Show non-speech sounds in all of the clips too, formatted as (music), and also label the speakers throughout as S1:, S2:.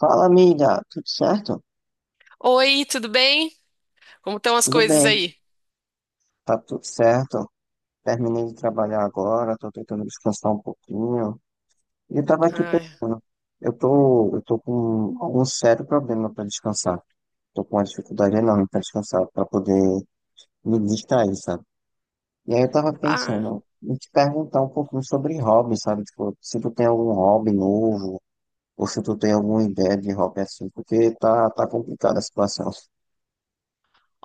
S1: Fala, amiga, tudo certo?
S2: Oi, tudo bem? Como estão as
S1: Tudo
S2: coisas
S1: bem,
S2: aí?
S1: tá tudo certo. Terminei de trabalhar agora, tô tentando descansar um pouquinho. E eu tava aqui
S2: Ai,
S1: pensando, eu tô com algum sério problema para descansar. Tô com uma dificuldade enorme para descansar, para poder me distrair, sabe? E aí eu tava
S2: ah,
S1: pensando em te perguntar um pouquinho sobre hobby, sabe? Tipo, se tu tem algum hobby novo, ou se tu tem alguma ideia de hobby assim, porque tá complicada a situação.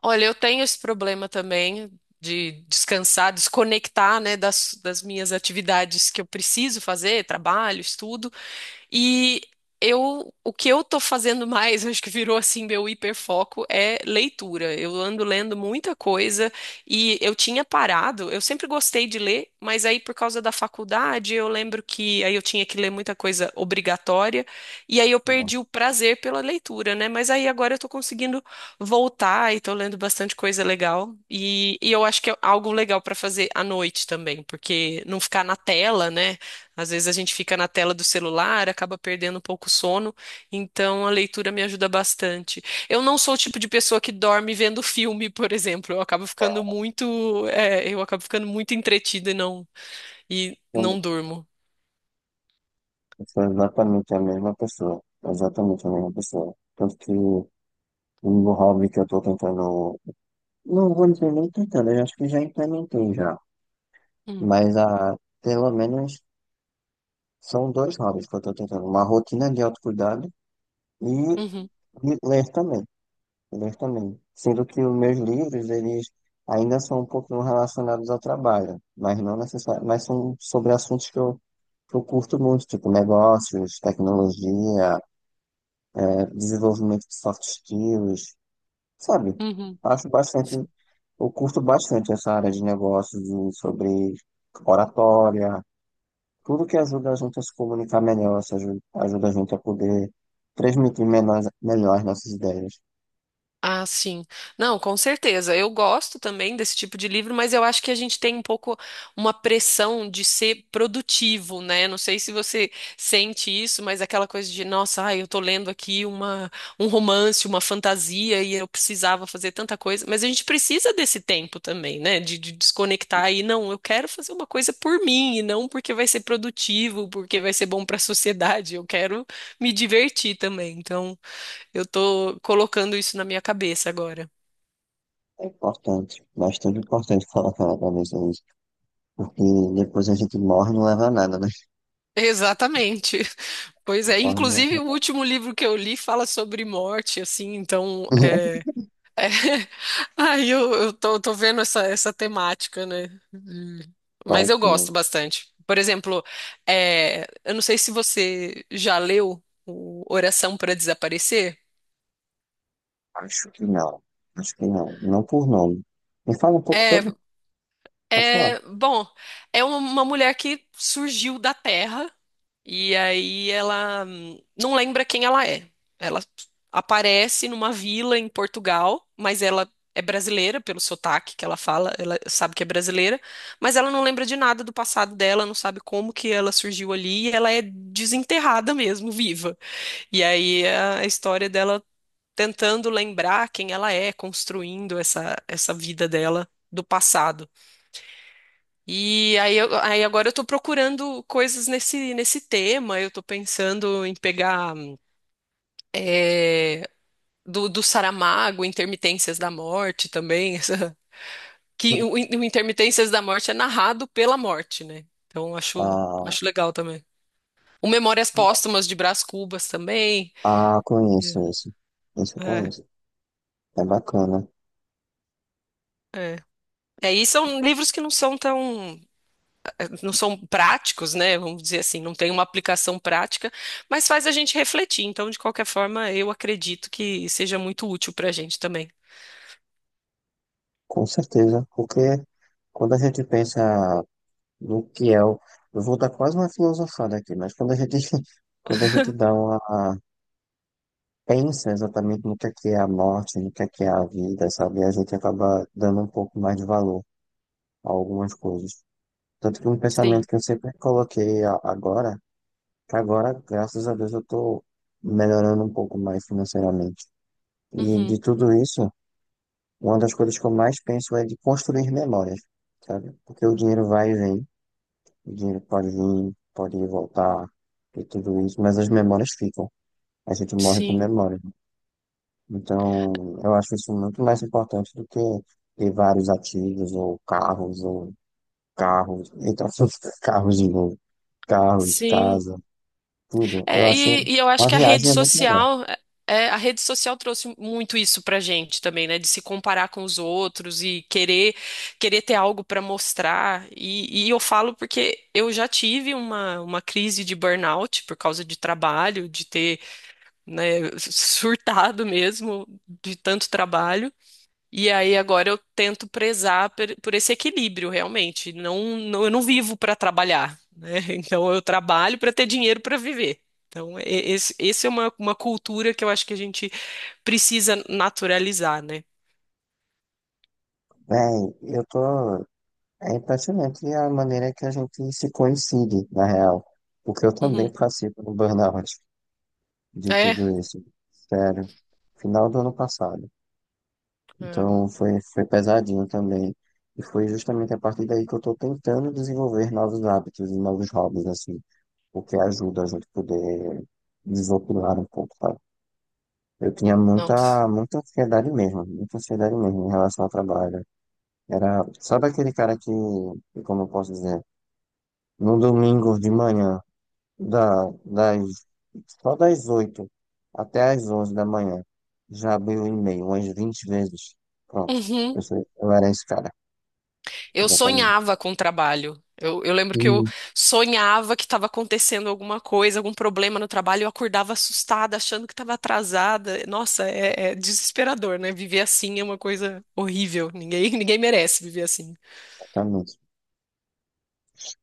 S2: olha, eu tenho esse problema também de descansar, desconectar, né, das minhas atividades que eu preciso fazer, trabalho, estudo. E o que eu tô fazendo mais, (laughs) acho que virou assim meu hiperfoco, é leitura. Eu ando lendo muita coisa e eu tinha parado, eu sempre gostei de ler, mas aí por causa da faculdade, eu lembro que aí eu tinha que ler muita coisa obrigatória e aí eu perdi o prazer pela leitura, né? Mas aí agora eu tô conseguindo voltar e tô lendo bastante coisa legal e eu acho que é algo legal pra fazer à noite também, porque não ficar na tela, né? Às vezes a gente fica na tela do celular, acaba perdendo um pouco o sono, então a leitura me ajuda bastante. Eu não sou o tipo de pessoa que dorme vendo filme, por exemplo. Eu acabo ficando muito, eu acabo ficando muito entretida e e
S1: Não.
S2: não durmo.
S1: Eu sou exatamente a mesma pessoa. Exatamente a mesma pessoa. Tanto que o meu hobby que eu tô tentando. Não vou dizer nem tentando, eu acho que já implementei já.
S2: Hum,
S1: Mas ah, pelo menos são dois hobbies que eu tô tentando. Uma rotina de autocuidado e
S2: uhum,
S1: de ler também. Ler também. Sendo que os meus livros, eles ainda são um pouquinho relacionados ao trabalho, mas não necessariamente, mas são sobre assuntos que eu curto muito, tipo negócios, tecnologia, desenvolvimento de soft skills, sabe?
S2: uhum.
S1: Acho bastante, eu curto bastante essa área de negócios, sobre oratória, tudo que ajuda a gente a se comunicar melhor, se aju- ajuda a gente a poder transmitir melhor as nossas ideias.
S2: Ah, sim. Não, com certeza. Eu gosto também desse tipo de livro, mas eu acho que a gente tem um pouco uma pressão de ser produtivo, né? Não sei se você sente isso, mas aquela coisa de, nossa, ai, eu tô lendo aqui um romance, uma fantasia e eu precisava fazer tanta coisa. Mas a gente precisa desse tempo também, né? De desconectar e não, eu quero fazer uma coisa por mim e não porque vai ser produtivo, porque vai ser bom para a sociedade. Eu quero me divertir também. Então. Eu tô colocando isso na minha cabeça agora.
S1: É importante, bastante importante colocar na cabeça isso, porque depois a gente morre e não leva a nada, né?
S2: Exatamente. (laughs) Pois é,
S1: Morre e não leva
S2: inclusive o
S1: a nada.
S2: último livro que eu li fala sobre morte, assim, então
S1: (laughs)
S2: é... (laughs) Aí eu tô vendo essa temática, né? Hum.
S1: Vai
S2: Mas eu
S1: que-
S2: gosto bastante. Por exemplo, eu não sei se você já leu o Oração para Desaparecer.
S1: Acho que não, acho que não, não por nome. Me fala um pouco
S2: É.
S1: sobre, pode falar.
S2: É, bom, é uma mulher que surgiu da Terra e aí ela não lembra quem ela é. Ela aparece numa vila em Portugal, mas ela é brasileira pelo sotaque que ela fala, ela sabe que é brasileira, mas ela não lembra de nada do passado dela, não sabe como que ela surgiu ali e ela é desenterrada mesmo, viva. E aí é a história dela tentando lembrar quem ela é, construindo essa vida dela do passado. E aí, agora eu tô procurando coisas nesse tema. Eu tô pensando em pegar é, do Saramago, Intermitências da Morte também. (laughs)
S1: (laughs)
S2: O Intermitências da Morte é narrado pela morte, né? Então
S1: Ah,
S2: acho legal também. O Memórias Póstumas de Brás Cubas também.
S1: ah,
S2: É,
S1: conheço isso. Isso eu
S2: é.
S1: conheço. É bacana.
S2: É. É, e são livros que não são tão. Não são práticos, né? Vamos dizer assim, não tem uma aplicação prática, mas faz a gente refletir. Então, de qualquer forma, eu acredito que seja muito útil para a gente também.
S1: Com certeza. Porque quando a gente pensa no que é o. Eu vou dar quase uma filosofada aqui, mas quando a gente, (laughs) quando a gente dá uma. Pensa exatamente no que é a morte, no que é a vida, sabe? A gente acaba dando um pouco mais de valor, algumas coisas. Tanto que um
S2: Sim.
S1: pensamento que eu sempre coloquei que agora, graças a Deus, eu estou melhorando um pouco mais financeiramente. E
S2: Uhum.
S1: de tudo isso, uma das coisas que eu mais penso é de construir memórias, sabe? Porque o dinheiro vai e vem, o dinheiro pode vir, pode ir e voltar, e tudo isso, mas as memórias ficam. A gente morre com
S2: Sim.
S1: memória. Então, eu acho isso muito mais importante do que ter vários ativos, ou carros, então, (laughs) carros de novo. Carros,
S2: Sim.
S1: casa, tudo. Eu acho
S2: E eu acho
S1: uma
S2: que a rede
S1: viagem é muito melhor.
S2: social, a rede social trouxe muito isso pra gente também, né? De se comparar com os outros e querer ter algo para mostrar. E eu falo porque eu já tive uma crise de burnout por causa de trabalho, de ter né, surtado mesmo de tanto trabalho. E aí agora eu tento prezar esse equilíbrio realmente. Não, não, eu não vivo para trabalhar, né? (laughs) Então eu trabalho para ter dinheiro para viver. Então, esse é uma cultura que eu acho que a gente precisa naturalizar, né?
S1: Bem, eu tô. É impressionante a maneira que a gente se coincide, na real. Porque eu também
S2: Uhum.
S1: passei pelo burnout de
S2: É.
S1: tudo isso. Sério. Final do ano passado.
S2: É.
S1: Então foi pesadinho também. E foi justamente a partir daí que eu tô tentando desenvolver novos hábitos e novos hobbies, assim. O que ajuda a gente poder desopilar um pouco, tá? Eu tinha
S2: Nossa.
S1: muita, muita ansiedade mesmo em relação ao trabalho. Era, sabe aquele cara que, como eu posso dizer, no domingo de manhã, das só das 8 até as 11 da manhã, já abriu o e-mail umas 20 vezes. Pronto,
S2: Uhum.
S1: eu era esse cara,
S2: Eu
S1: exatamente.
S2: sonhava com o trabalho. Eu lembro que eu
S1: Sim,
S2: sonhava que estava acontecendo alguma coisa, algum problema no trabalho, eu acordava assustada, achando que estava atrasada. Nossa, é desesperador, né? Viver assim é uma coisa horrível. Ninguém, (laughs) ninguém merece viver assim.
S1: exatamente.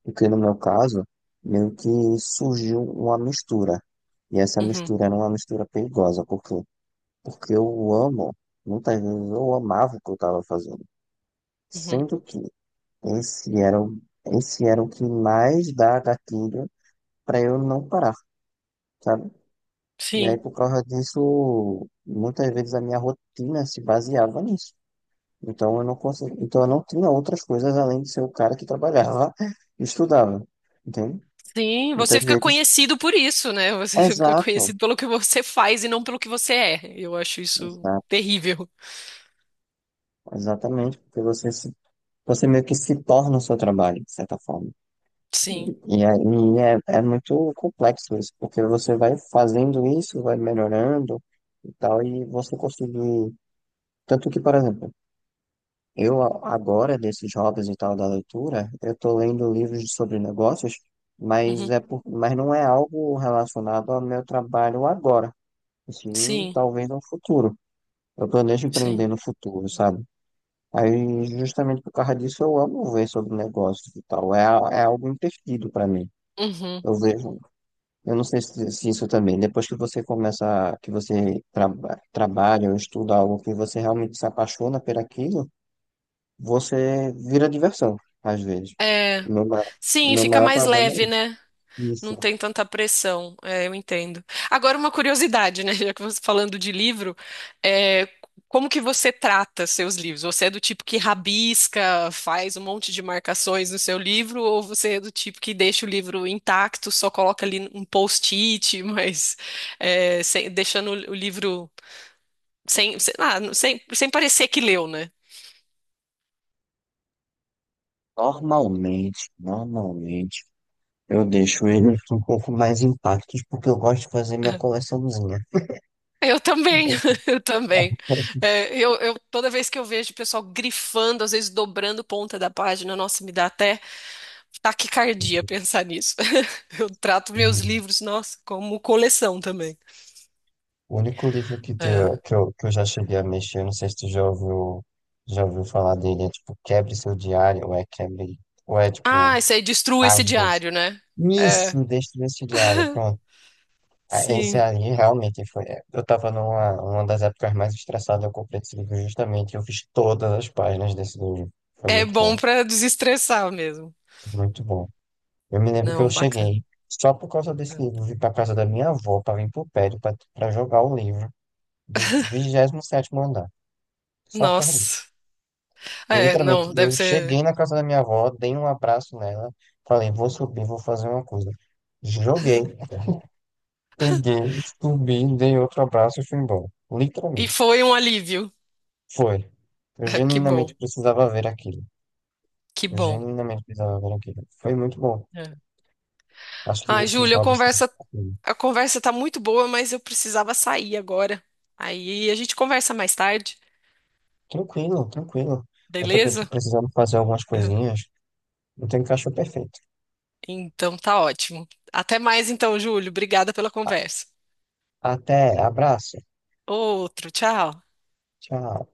S1: Porque no meu caso, meio que surgiu uma mistura. E essa
S2: Uhum,
S1: mistura era uma mistura perigosa, porque eu amo, muitas vezes eu amava o que eu estava fazendo.
S2: uhum.
S1: Sendo que esse era o, esse era o que mais dá gatilho para eu não parar, sabe? E aí,
S2: Sim,
S1: por causa disso, muitas vezes a minha rotina se baseava nisso. Então eu não consegui, então eu não tinha outras coisas além de ser o cara que trabalhava (laughs) e estudava, entende?
S2: sim.
S1: Muitas
S2: Você fica
S1: vezes,
S2: conhecido por isso, né? Você (laughs) fica
S1: exato,
S2: conhecido pelo que você faz e não pelo que você é. Eu acho isso
S1: exato,
S2: terrível.
S1: exatamente, porque você meio que se torna o seu trabalho, de certa forma.
S2: Sim,
S1: E aí é muito complexo isso, porque você vai fazendo isso, vai melhorando e tal, e você conseguir. Tanto que, por exemplo, eu agora, desses hobbies e tal da leitura, eu tô lendo livros sobre negócios,
S2: uhum,
S1: mas não é algo relacionado ao meu trabalho agora, sim,
S2: sim,
S1: talvez no futuro. Eu planejo
S2: sim.
S1: empreender no futuro, sabe? Aí, justamente por causa disso, eu amo ver sobre negócios e tal, é algo imperdido para mim.
S2: Uhum.
S1: Eu vejo Eu não sei se isso também. Depois que você começa, que você trabalha ou estuda algo que você realmente se apaixona por aquilo, você vira diversão, às vezes.
S2: É,
S1: O meu, ma- o
S2: sim,
S1: meu
S2: fica
S1: maior
S2: mais
S1: problema é
S2: leve,
S1: isso.
S2: né? Não
S1: Isso.
S2: tem tanta pressão, eu entendo. Agora, uma curiosidade, né? (laughs) Já que você tá falando de livro, é, como que você trata seus livros? Você é do tipo que rabisca, faz um monte de marcações no seu livro, ou você é do tipo que deixa o livro intacto, só coloca ali um post-it, (laughs) mas deixando o livro sem, sem, sem parecer que leu, né?
S1: Normalmente, eu deixo ele (laughs) um pouco mais intactos porque eu gosto de fazer minha coleçãozinha.
S2: Eu também, (laughs) eu também. Toda vez que eu vejo o pessoal grifando, às vezes dobrando ponta da página, nossa, me dá até taquicardia pensar nisso. (laughs) Eu trato meus
S1: Hum.
S2: livros, nossa, como coleção também.
S1: O único livro que,
S2: É.
S1: deu, que, eu, que eu já cheguei a mexer, não sei se tu já ouviu, falar dele, é tipo Quebre Seu Diário, ou é Quebre, ou é
S2: Ah,
S1: tipo.
S2: isso aí destrua esse
S1: Às vezes.
S2: diário, né? É,
S1: Isso, deste vestiário, pronto. Ah, esse
S2: sim.
S1: ali realmente foi. Eu tava numa uma das épocas mais estressadas, eu comprei esse livro justamente. Eu fiz todas as páginas desse livro. Foi
S2: É
S1: muito
S2: bom
S1: bom,
S2: pra desestressar mesmo.
S1: muito bom. Eu me lembro que eu
S2: Não, bacana.
S1: cheguei, só por causa desse livro,
S2: É.
S1: vim pra casa da minha avó, pra vir pro prédio, pra jogar o livro do 27º andar. Só por causa disso.
S2: Nossa.
S1: Eu,
S2: É,
S1: literalmente,
S2: não,
S1: eu
S2: deve ser.
S1: cheguei na casa da minha avó, dei um abraço nela, falei, vou subir, vou fazer uma coisa. Joguei. Peguei, subi, dei outro abraço e fui embora.
S2: E
S1: Literalmente.
S2: foi um alívio.
S1: Foi. Eu
S2: (laughs) Que
S1: genuinamente
S2: bom,
S1: precisava ver aquilo.
S2: que
S1: Eu
S2: bom.
S1: genuinamente precisava ver aquilo. Foi muito bom.
S2: É.
S1: Acho que
S2: Ai,
S1: esses
S2: Júlia, a
S1: hobbies são
S2: conversa
S1: tranquilos.
S2: a conversa tá muito boa, mas eu precisava sair agora. Aí a gente conversa mais tarde,
S1: Tranquilo, tranquilo. Eu também tô
S2: beleza?
S1: precisando fazer algumas coisinhas. Não tenho cachorro perfeito.
S2: Então tá ótimo. Até mais então, Júlio. Obrigada pela conversa.
S1: Até, abraço.
S2: Outro, tchau.
S1: Tchau.